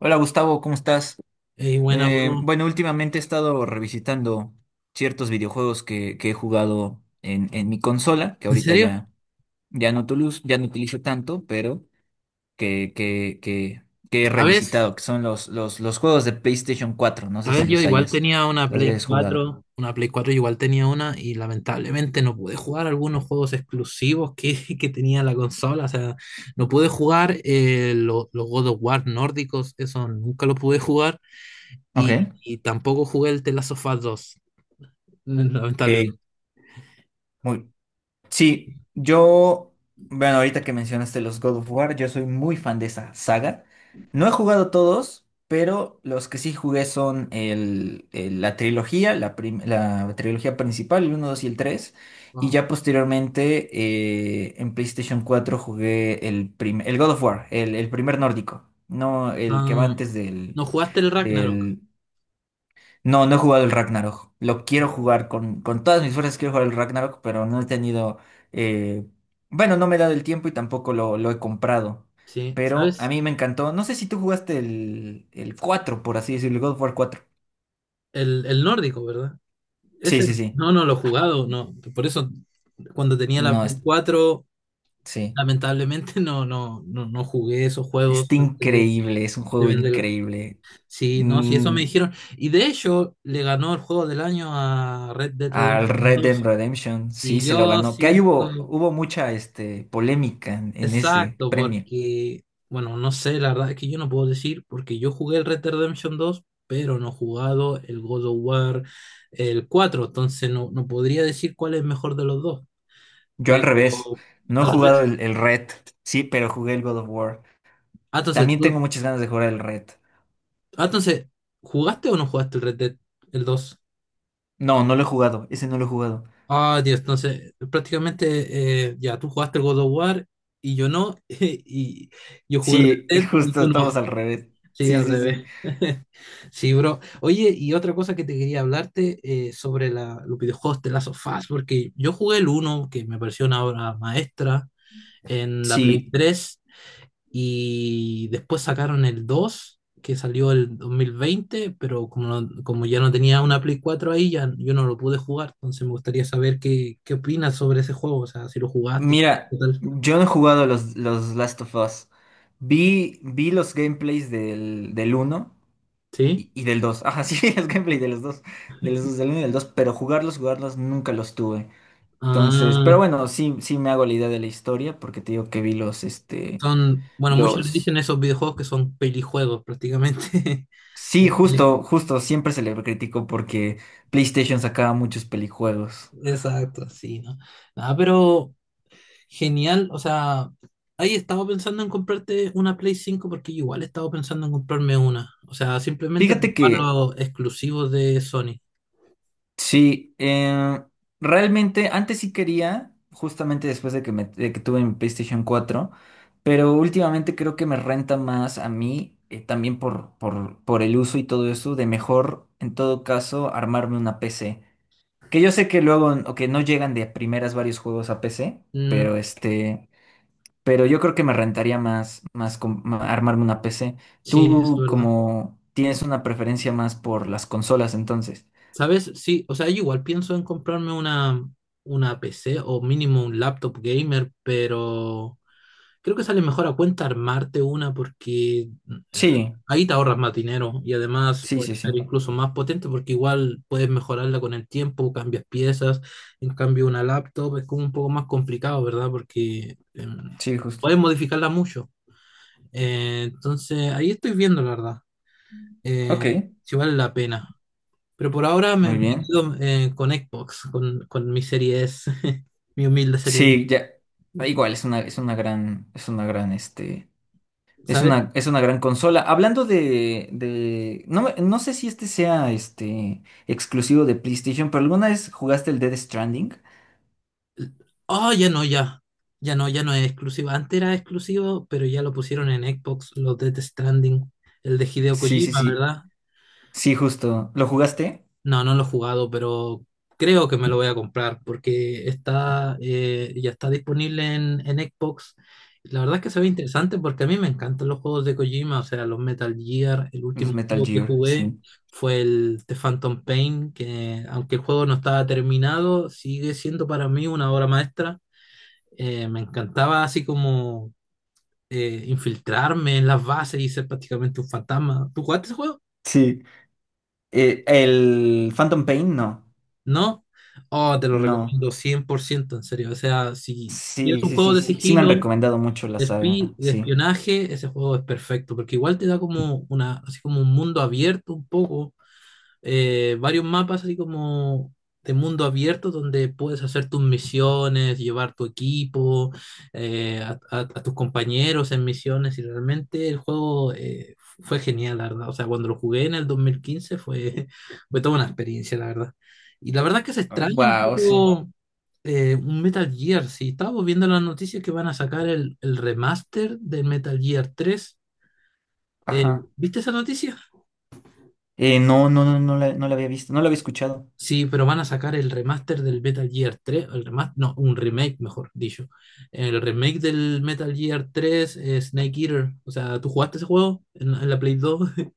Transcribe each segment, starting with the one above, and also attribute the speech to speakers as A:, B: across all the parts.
A: Hola Gustavo, ¿cómo estás?
B: Ey, buena, bro.
A: Bueno, últimamente he estado revisitando ciertos videojuegos que he jugado en mi consola, que
B: ¿En
A: ahorita
B: serio?
A: ya no utilizo tanto, pero que, que, que, que he
B: ¿Sabes?
A: revisitado, que son los juegos de PlayStation cuatro. No sé si
B: ¿Sabes? Yo igual tenía una
A: los
B: Play
A: hayas jugado.
B: cuatro yo igual tenía una y lamentablemente no pude jugar algunos juegos exclusivos que, que tenía la consola. O sea, no pude jugar los God of War nórdicos, eso nunca lo pude jugar y,
A: Ok.
B: y tampoco jugué el The Last of Us 2, lamentablemente.
A: Ok, Muy, Sí, bueno, ahorita que mencionaste los God of War, yo soy muy fan de esa saga. No he jugado todos, pero los que sí jugué son la trilogía, la trilogía principal, el uno, 2 y el tres. Y
B: Wow.
A: ya posteriormente en PlayStation cuatro jugué el God of War, el primer nórdico, no el que va
B: Ah,
A: antes del,
B: no jugaste el Ragnarok,
A: del No, no he jugado el Ragnarok. Lo quiero jugar con todas mis fuerzas, quiero jugar el Ragnarok, pero no he tenido... eh, Bueno, no me he dado el tiempo y tampoco lo he comprado.
B: ¿sí?
A: Pero a
B: ¿Sabes?
A: mí me encantó. No sé si tú jugaste el cuatro, por así decirlo, el God of War 4.
B: El nórdico, ¿verdad?
A: Sí,
B: Ese,
A: sí, sí.
B: no, no lo he jugado, no. Por eso, cuando tenía la
A: No,
B: Play
A: es,
B: cuatro,
A: sí.
B: lamentablemente, no, no, no jugué esos juegos
A: Está
B: antes
A: increíble, es un
B: de
A: juego
B: venderla.
A: increíble.
B: Sí, no, sí, eso me
A: Mm,
B: dijeron. Y de hecho, le ganó el juego del año a Red Dead
A: Al
B: Redemption
A: Red Dead
B: dos.
A: Redemption, sí,
B: Y
A: se lo
B: yo
A: ganó. Que ahí
B: siento,
A: hubo mucha polémica en ese
B: exacto,
A: premio.
B: porque, bueno, no sé, la verdad es que yo no puedo decir, porque yo jugué el Red Dead Redemption dos, pero no he jugado el God of War el cuatro, entonces no, no podría decir cuál es mejor de los dos.
A: Yo al
B: Pero
A: revés. No he
B: al
A: jugado.
B: revés.
A: Sí, pero jugué el God of War.
B: Ah, entonces,
A: También tengo muchas ganas de jugar el Red.
B: ah, entonces, ¿jugaste o no jugaste el Red Dead? El dos.
A: No, no lo he jugado. Ese no lo he jugado.
B: Ah, Dios, entonces, prácticamente, ya, tú jugaste el God of War y yo no, y yo jugué
A: Sí,
B: Red Dead y
A: justo
B: tú no.
A: estamos al revés.
B: Sí,
A: Sí,
B: al
A: sí,
B: revés.
A: sí.
B: Sí, bro. Oye, y otra cosa que te quería hablarte sobre la, los videojuegos de Last of Us, porque yo jugué el uno, que me pareció una obra maestra, en la Play
A: Sí,
B: tres. Y después sacaron el dos, que salió el 2020, pero como, como ya no tenía una Play cuatro ahí, ya yo no lo pude jugar. Entonces me gustaría saber qué, qué opinas sobre ese juego, o sea, si lo jugaste y qué
A: mira,
B: tal.
A: yo no he jugado los Last of Us. Vi los gameplays del uno
B: ¿Sí?
A: y del dos. Ajá, sí, los gameplays de los dos. De los dos, del uno y del dos, pero jugarlos nunca los tuve. Entonces, pero
B: Ah,
A: bueno, sí, sí me hago la idea de la historia porque te digo que vi
B: son, bueno, muchos le
A: los...
B: dicen esos videojuegos que son pelijuegos prácticamente.
A: Sí, justo, justo, siempre se le criticó porque PlayStation sacaba muchos pelijuegos.
B: Exacto, sí, ¿no? Ah, pero genial, o sea, ahí estaba pensando en comprarte una Play cinco, porque yo igual estaba pensando en comprarme una. O sea, simplemente para
A: Fíjate
B: jugar
A: que
B: los exclusivos de Sony.
A: sí, realmente antes sí quería, justamente después de que tuve mi PlayStation cuatro, pero últimamente creo que me renta más a mí, también por el uso y todo eso, de mejor, en todo caso, armarme una PC. Que yo sé que luego, o que no llegan de primeras varios juegos a PC,
B: Mm,
A: Pero yo creo que me rentaría más armarme una PC.
B: sí, es
A: Tú
B: verdad.
A: como tienes una preferencia más por las consolas, entonces.
B: ¿Sabes? Sí, o sea, yo igual pienso en comprarme una PC o mínimo un laptop gamer, pero creo que sale mejor a cuenta armarte una, porque eh,
A: Sí,
B: ahí te ahorras más dinero y además
A: sí,
B: puede
A: sí,
B: ser
A: sí.
B: incluso más potente porque igual puedes mejorarla con el tiempo, cambias piezas. En cambio, una laptop es como un poco más complicado, ¿verdad? Porque
A: Sí,
B: puedes
A: justo.
B: modificarla mucho. Entonces, ahí estoy viendo, la verdad,
A: Ok,
B: eh, si vale la pena. Pero por ahora
A: muy
B: me
A: bien.
B: quedo con Xbox, con mi serie S, mi humilde serie.
A: Sí, ya. Igual,
B: ¿Sabes?
A: es una gran consola. Hablando de, no sé si este sea, exclusivo de PlayStation, pero ¿alguna vez jugaste el Dead Stranding?
B: Oh, ya no, ya. Ya no, ya no es exclusivo. Antes era exclusivo, pero ya lo pusieron en Xbox, los Death Stranding. El de Hideo
A: Sí, sí,
B: Kojima,
A: sí.
B: ¿verdad?
A: Sí, justo. ¿Lo jugaste?
B: No, no lo he jugado, pero creo que me lo voy a comprar porque está, ya está disponible en Xbox. La verdad es que se ve interesante porque a mí me encantan los juegos de Kojima, o sea, los Metal Gear. El último
A: Los Metal
B: juego que
A: Gear,
B: jugué
A: sí.
B: fue el The Phantom Pain, que aunque el juego no estaba terminado, sigue siendo para mí una obra maestra. Me encantaba así como infiltrarme en las bases y ser prácticamente un fantasma. ¿Tú jugaste ese juego?
A: Sí. El Phantom Pain, no.
B: ¿No? Oh, te lo
A: No.
B: recomiendo 100%, en serio. O sea, si tienes
A: Sí,
B: un
A: sí,
B: juego
A: sí,
B: de
A: sí. Sí me han
B: sigilo, de,
A: recomendado mucho la saga.
B: de
A: Sí.
B: espionaje, ese juego es perfecto, porque igual te da como una, así como un mundo abierto un poco, varios mapas así como de mundo abierto donde puedes hacer tus misiones, llevar tu equipo, a, a tus compañeros en misiones y realmente el juego fue genial, la verdad. O sea, cuando lo jugué en el 2015 fue, fue toda una experiencia, la verdad. Y la verdad es que se extraña un
A: Wow, sí.
B: poco un Metal Gear, si estábamos viendo las noticias que van a sacar el remaster del Metal Gear tres. Eh,
A: Ajá.
B: ¿Viste esa noticia?
A: No, no, no, no la había visto. No la había escuchado.
B: Sí, pero van a sacar el remaster del Metal Gear 3, el remaster, no, un remake, mejor dicho. El remake del Metal Gear 3, Snake Eater. O sea, ¿tú jugaste ese juego en la Play 2?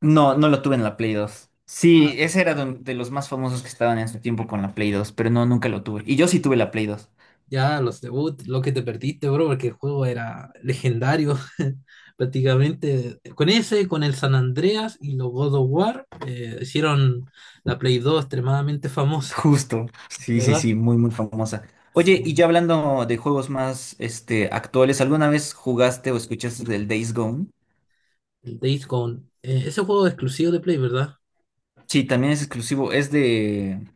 A: No, no lo tuve en la Play dos. Sí, ese era de los más famosos que estaban en su tiempo con la Play dos, pero no, nunca lo tuve. Y yo sí tuve la Play dos.
B: Ya, los debut, lo que te perdiste, bro, porque el juego era legendario, prácticamente. Con ese, con el San Andreas y los God of War, hicieron la Play 2 extremadamente famosa,
A: Justo. Sí, sí,
B: ¿verdad?
A: sí, muy, muy famosa.
B: Sí,
A: Oye, y ya hablando de juegos más, actuales, ¿alguna vez jugaste o escuchaste del Days Gone?
B: el Days Gone. Ese juego es exclusivo de Play, ¿verdad?
A: Sí, también es exclusivo.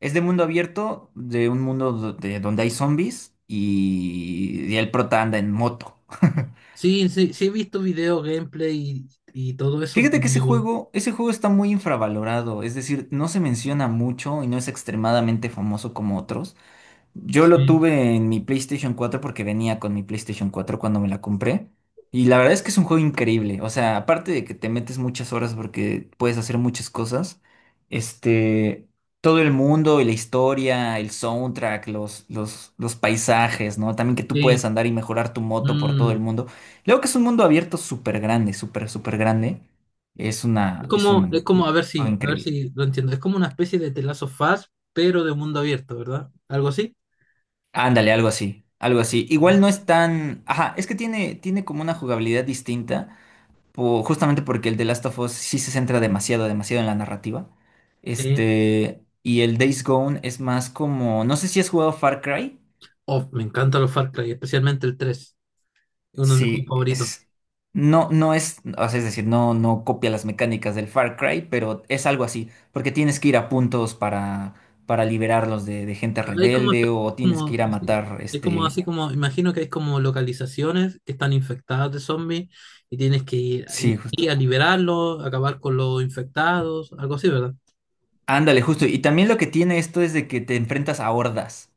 A: Es de mundo abierto, de un mundo donde hay zombies y el prota anda en moto.
B: Sí, sí, sí, he visto video, gameplay y todo eso.
A: Fíjate que
B: Pero
A: ese juego está muy infravalorado, es decir, no se menciona mucho y no es extremadamente famoso como otros. Yo lo
B: sí,
A: tuve en mi PlayStation cuatro porque venía con mi PlayStation cuatro cuando me la compré. Y la verdad es que es un juego increíble. O sea, aparte de que te metes muchas horas porque puedes hacer muchas cosas, este, todo el mundo y la historia, el soundtrack, los paisajes, ¿no? También que tú
B: sí.
A: puedes andar y mejorar tu moto por todo
B: Mm.
A: el mundo. Luego que es un mundo abierto súper grande, súper, súper grande. Es una, es
B: Es
A: un
B: como,
A: juego
B: a ver
A: increíble.
B: si lo entiendo. Es como una especie de The Last of Us, pero de mundo abierto, ¿verdad? ¿Algo así?
A: Ándale, algo así, algo así. Igual no es tan... Ajá, es que tiene como una jugabilidad distinta, justamente porque el de Last of Us sí se centra demasiado, demasiado en la narrativa.
B: Sí.
A: Y el Days Gone es más como... No sé si has jugado Far Cry.
B: Oh, me encantan los Far Cry, especialmente el tres. Es uno de mis juegos
A: Sí,
B: favoritos.
A: es... No, no es... O sea, es decir, no, no copia las mecánicas del Far Cry, pero es algo así, porque tienes que ir a puntos para liberarlos de gente
B: Hay como,
A: rebelde o tienes que ir
B: como
A: a
B: así,
A: matar,
B: es como
A: este...
B: así como, imagino que hay como localizaciones que están infectadas de zombies y tienes que ir,
A: Sí,
B: ahí a liberarlos, acabar con los infectados, algo así, ¿verdad?
A: ándale, justo. Y también lo que tiene esto es de que te enfrentas a hordas.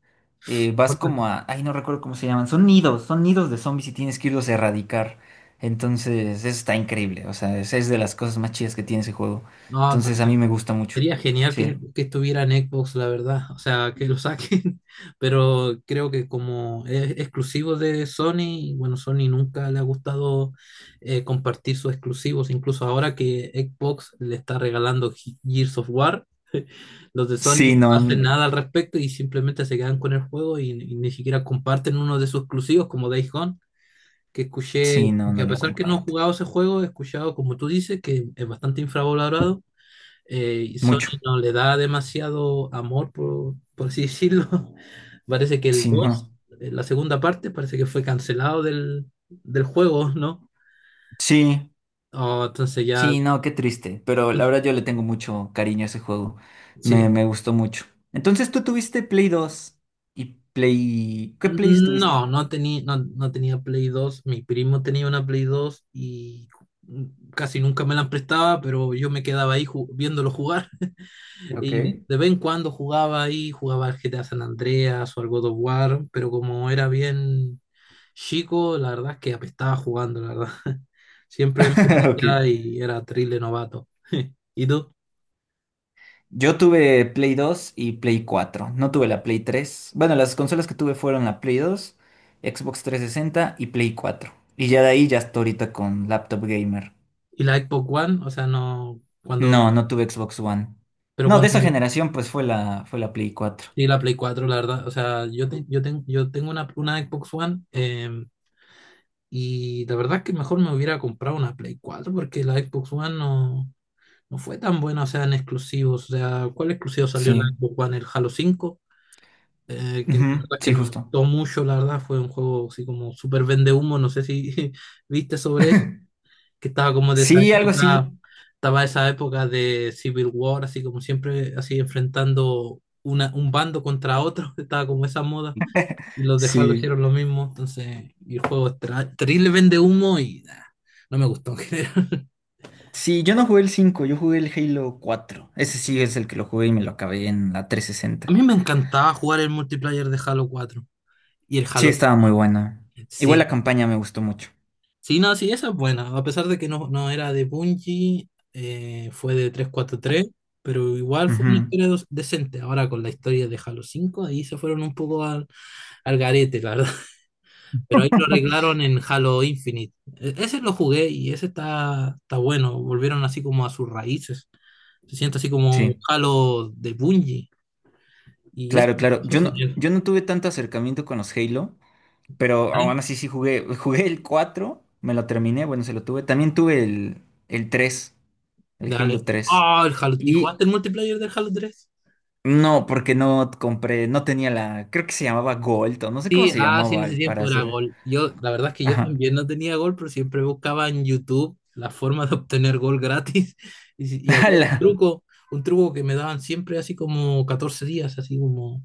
A: Vas como a... Ay, no recuerdo cómo se llaman. Son nidos de zombies y tienes que irlos a erradicar. Entonces, eso está increíble. O sea, es de las cosas más chidas que tiene ese juego.
B: No,
A: Entonces, a mí
B: entonces
A: me gusta mucho.
B: sería genial
A: Sí.
B: que estuviera en Xbox, la verdad. O sea, que lo saquen, pero creo que como es exclusivo de Sony, bueno, Sony nunca le ha gustado compartir sus exclusivos, incluso ahora que Xbox le está regalando Gears of War, los de Sony no
A: Sí,
B: hacen
A: no.
B: nada al respecto y simplemente se quedan con el juego y ni siquiera comparten uno de sus exclusivos como Days Gone, que escuché,
A: Sí, no,
B: que
A: no
B: a
A: lo
B: pesar que no he
A: comparte.
B: jugado ese juego, he escuchado, como tú dices, que es bastante infravalorado. Y Sony
A: Mucho.
B: no le da demasiado amor, por así decirlo. Parece que el
A: Sí, no.
B: dos, la segunda parte, parece que fue cancelado del, del juego, ¿no?
A: Sí.
B: Oh, entonces ya,
A: Sí, no, qué triste. Pero la
B: pues,
A: verdad yo le tengo mucho cariño a ese juego.
B: sí.
A: Me gustó mucho. Entonces, tú tuviste Play dos y Play... ¿Qué Play
B: No,
A: tuviste?
B: no tenía, no, no tenía Play dos. Mi primo tenía una Play dos y casi nunca me la prestaba, pero yo me quedaba ahí viéndolo jugar. Y
A: Ok.
B: de vez en cuando jugaba ahí, jugaba al GTA San Andreas o al God of War, pero como era bien chico, la verdad es que apestaba jugando, la verdad. Siempre en
A: Ok.
B: brilla y era terrible novato. ¿Y tú?
A: Yo tuve Play dos y Play cuatro. No tuve la Play tres. Bueno, las consolas que tuve fueron la Play dos, Xbox 360 y Play cuatro. Y ya de ahí ya hasta ahorita con laptop gamer.
B: ¿Y la Xbox One? O sea, no, cuando,
A: No, no tuve Xbox One.
B: pero
A: No, de esa
B: cuando,
A: generación pues fue fue la Play cuatro.
B: sí, la Play 4, la verdad. O sea, yo, yo, yo tengo una Xbox One, y la verdad es que mejor me hubiera comprado una Play 4, porque la Xbox One no, no fue tan buena, o sea, en exclusivos. O sea, ¿cuál exclusivo salió en la
A: Sí.
B: Xbox One? ¿El Halo 5? Que la verdad
A: Ujú.
B: es que
A: Sí,
B: nos
A: justo.
B: gustó mucho, la verdad, fue un juego así como súper vende humo, no sé si viste sobre eso, que estaba como de esa
A: Sí, algo
B: época,
A: así.
B: estaba esa época de Civil War, así como siempre, así enfrentando una, un bando contra otro, estaba como esa moda, y los de Halo
A: Sí.
B: hicieron lo mismo, entonces, y el juego es terrible vende humo y nah, no me gustó en general.
A: Sí, yo no jugué el cinco. Yo jugué el Halo 4. Ese sí es el que lo jugué y me lo acabé en la trescientos
B: A
A: sesenta.
B: mí me encantaba jugar el multiplayer de Halo 4 y el
A: Sí,
B: Halo,
A: estaba muy buena. Igual la
B: sí,
A: campaña me gustó mucho.
B: sí, no, sí, esa es buena. A pesar de que no, no era de Bungie, fue de 343, pero igual fue una
A: Ujú.
B: historia decente. Ahora con la historia de Halo 5, ahí se fueron un poco al, al garete, la verdad. Pero ahí lo arreglaron en Halo Infinite. Ese lo jugué y ese está, está bueno. Volvieron así como a sus raíces. Se siente así como un
A: Sí,
B: Halo de Bungie. Y eso,
A: claro, claro.
B: eso es genial.
A: Yo no tuve tanto acercamiento con los Halo, pero aún
B: Dale,
A: así sí jugué. Jugué el 4, me lo terminé, bueno, se lo tuve. También tuve el 3, el Halo
B: dale.
A: 3.
B: Ah, el Halo. ¿Y
A: Y
B: jugaste el multiplayer del Halo 3?
A: no, porque no compré, no tenía la, creo que se llamaba Gold, o no sé cómo
B: Sí,
A: se
B: ah, sí, en
A: llamaba
B: ese
A: para
B: tiempo era
A: hacer.
B: gol. Yo, la verdad es que yo
A: Ajá.
B: también no tenía gol, pero siempre buscaba en YouTube la forma de obtener gol gratis. Y, y había
A: ¡Hala!
B: un truco que me daban siempre así como 14 días, así como...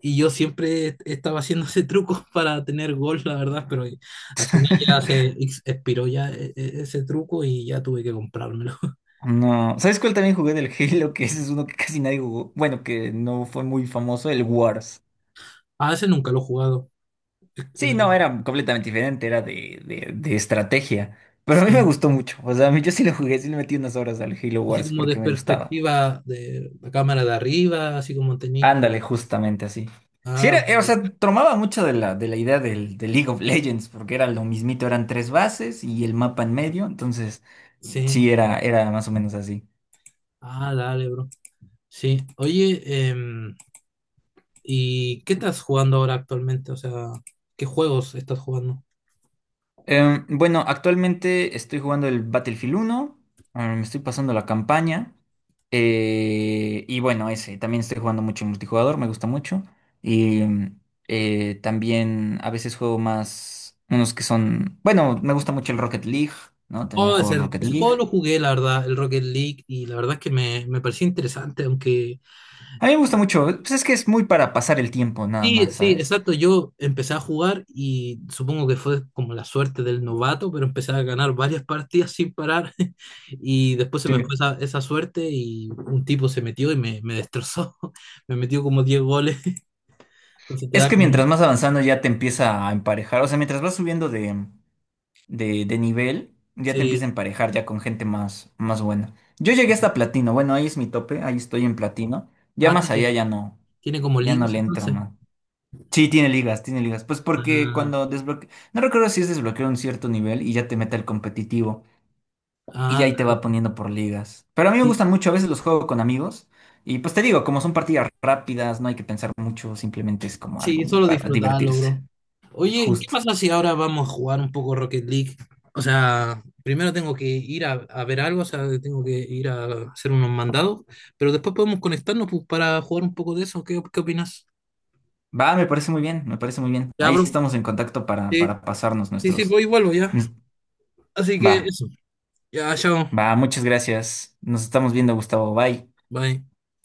B: Y yo siempre estaba haciendo ese truco para tener gol, la verdad, pero al final ya se expiró ya ese truco y ya tuve que comprármelo.
A: No. ¿Sabes cuál también jugué del Halo? Que ese es uno que casi nadie jugó. Bueno, que no fue muy famoso, el Wars.
B: Ah, ese nunca lo he jugado.
A: Sí, no,
B: Eh,
A: era completamente diferente, era de estrategia. Pero a mí me
B: Sí,
A: gustó mucho. O sea, a mí yo sí lo jugué, sí le metí unas horas al Halo
B: así
A: Wars
B: como de
A: porque me gustaba.
B: perspectiva de la cámara de arriba, así como tenéis...
A: Ándale, justamente así. Sí,
B: Ah,
A: o sea, tomaba mucho de la idea de League of Legends, porque era lo mismito, eran tres bases y el mapa en medio, entonces
B: sí.
A: sí, era más o menos así.
B: Ah, dale, bro. Sí. Oye, em, ¿y qué estás jugando ahora actualmente? O sea, ¿qué juegos estás jugando?
A: Bueno, actualmente estoy jugando el Battlefield uno, me estoy pasando la campaña. Y bueno, ese, también estoy jugando mucho en multijugador, me gusta mucho. Y también a veces juego más, unos que son, bueno, me gusta mucho el Rocket League, ¿no? También
B: Oh,
A: juego
B: ese,
A: el Rocket
B: ese
A: League.
B: juego lo jugué, la verdad, el Rocket League, y la verdad es que me pareció interesante, aunque...
A: A mí me gusta mucho, pues es que es muy para pasar el tiempo nada
B: Sí,
A: más,
B: sí,
A: ¿sabes?
B: exacto, yo empecé a jugar y supongo que fue como la suerte del novato, pero empecé a ganar varias partidas sin parar y después se
A: Sí.
B: me fue esa, esa suerte y un tipo se metió y me destrozó, me metió como 10 goles, entonces te
A: Es
B: da
A: que
B: como...
A: mientras más avanzando ya te empieza a emparejar, o sea, mientras vas subiendo de nivel, ya te empieza a
B: Sí,
A: emparejar ya con gente más, más buena. Yo llegué hasta platino, bueno, ahí es mi tope, ahí estoy en platino. Ya
B: ah,
A: más
B: entonces,
A: allá ya no.
B: tiene como
A: Ya no
B: ligas
A: le entro,
B: entonces.
A: man. Sí, tiene ligas, tiene ligas. Pues porque
B: Ah,
A: cuando desbloquea. No recuerdo si es desbloquear un cierto nivel y ya te mete el competitivo. Y
B: ah,
A: ya ahí te va poniendo por ligas. Pero a mí me
B: sí,
A: gustan mucho, a veces los juego con amigos. Y pues te digo, como son partidas rápidas, no hay que pensar mucho, simplemente es como algo
B: sí,
A: muy
B: solo
A: para
B: disfrutarlo,
A: divertirse.
B: bro. Oye, ¿qué
A: Justo.
B: pasa si ahora vamos a jugar un poco Rocket League? O sea, primero tengo que ir a ver algo, o sea, tengo que ir a hacer unos mandados, pero después podemos conectarnos pues, para jugar un poco de eso. ¿Qué, qué opinas?
A: Va, me parece muy bien, me parece muy bien.
B: Ya,
A: Ahí
B: bro.
A: estamos en contacto para,
B: Sí,
A: pasarnos
B: sí, sí,
A: nuestros.
B: voy y vuelvo ya.
A: nos-
B: Así
A: Va,
B: que eso. Ya, chao.
A: va, muchas gracias. Nos estamos viendo, Gustavo. Bye.
B: Bye.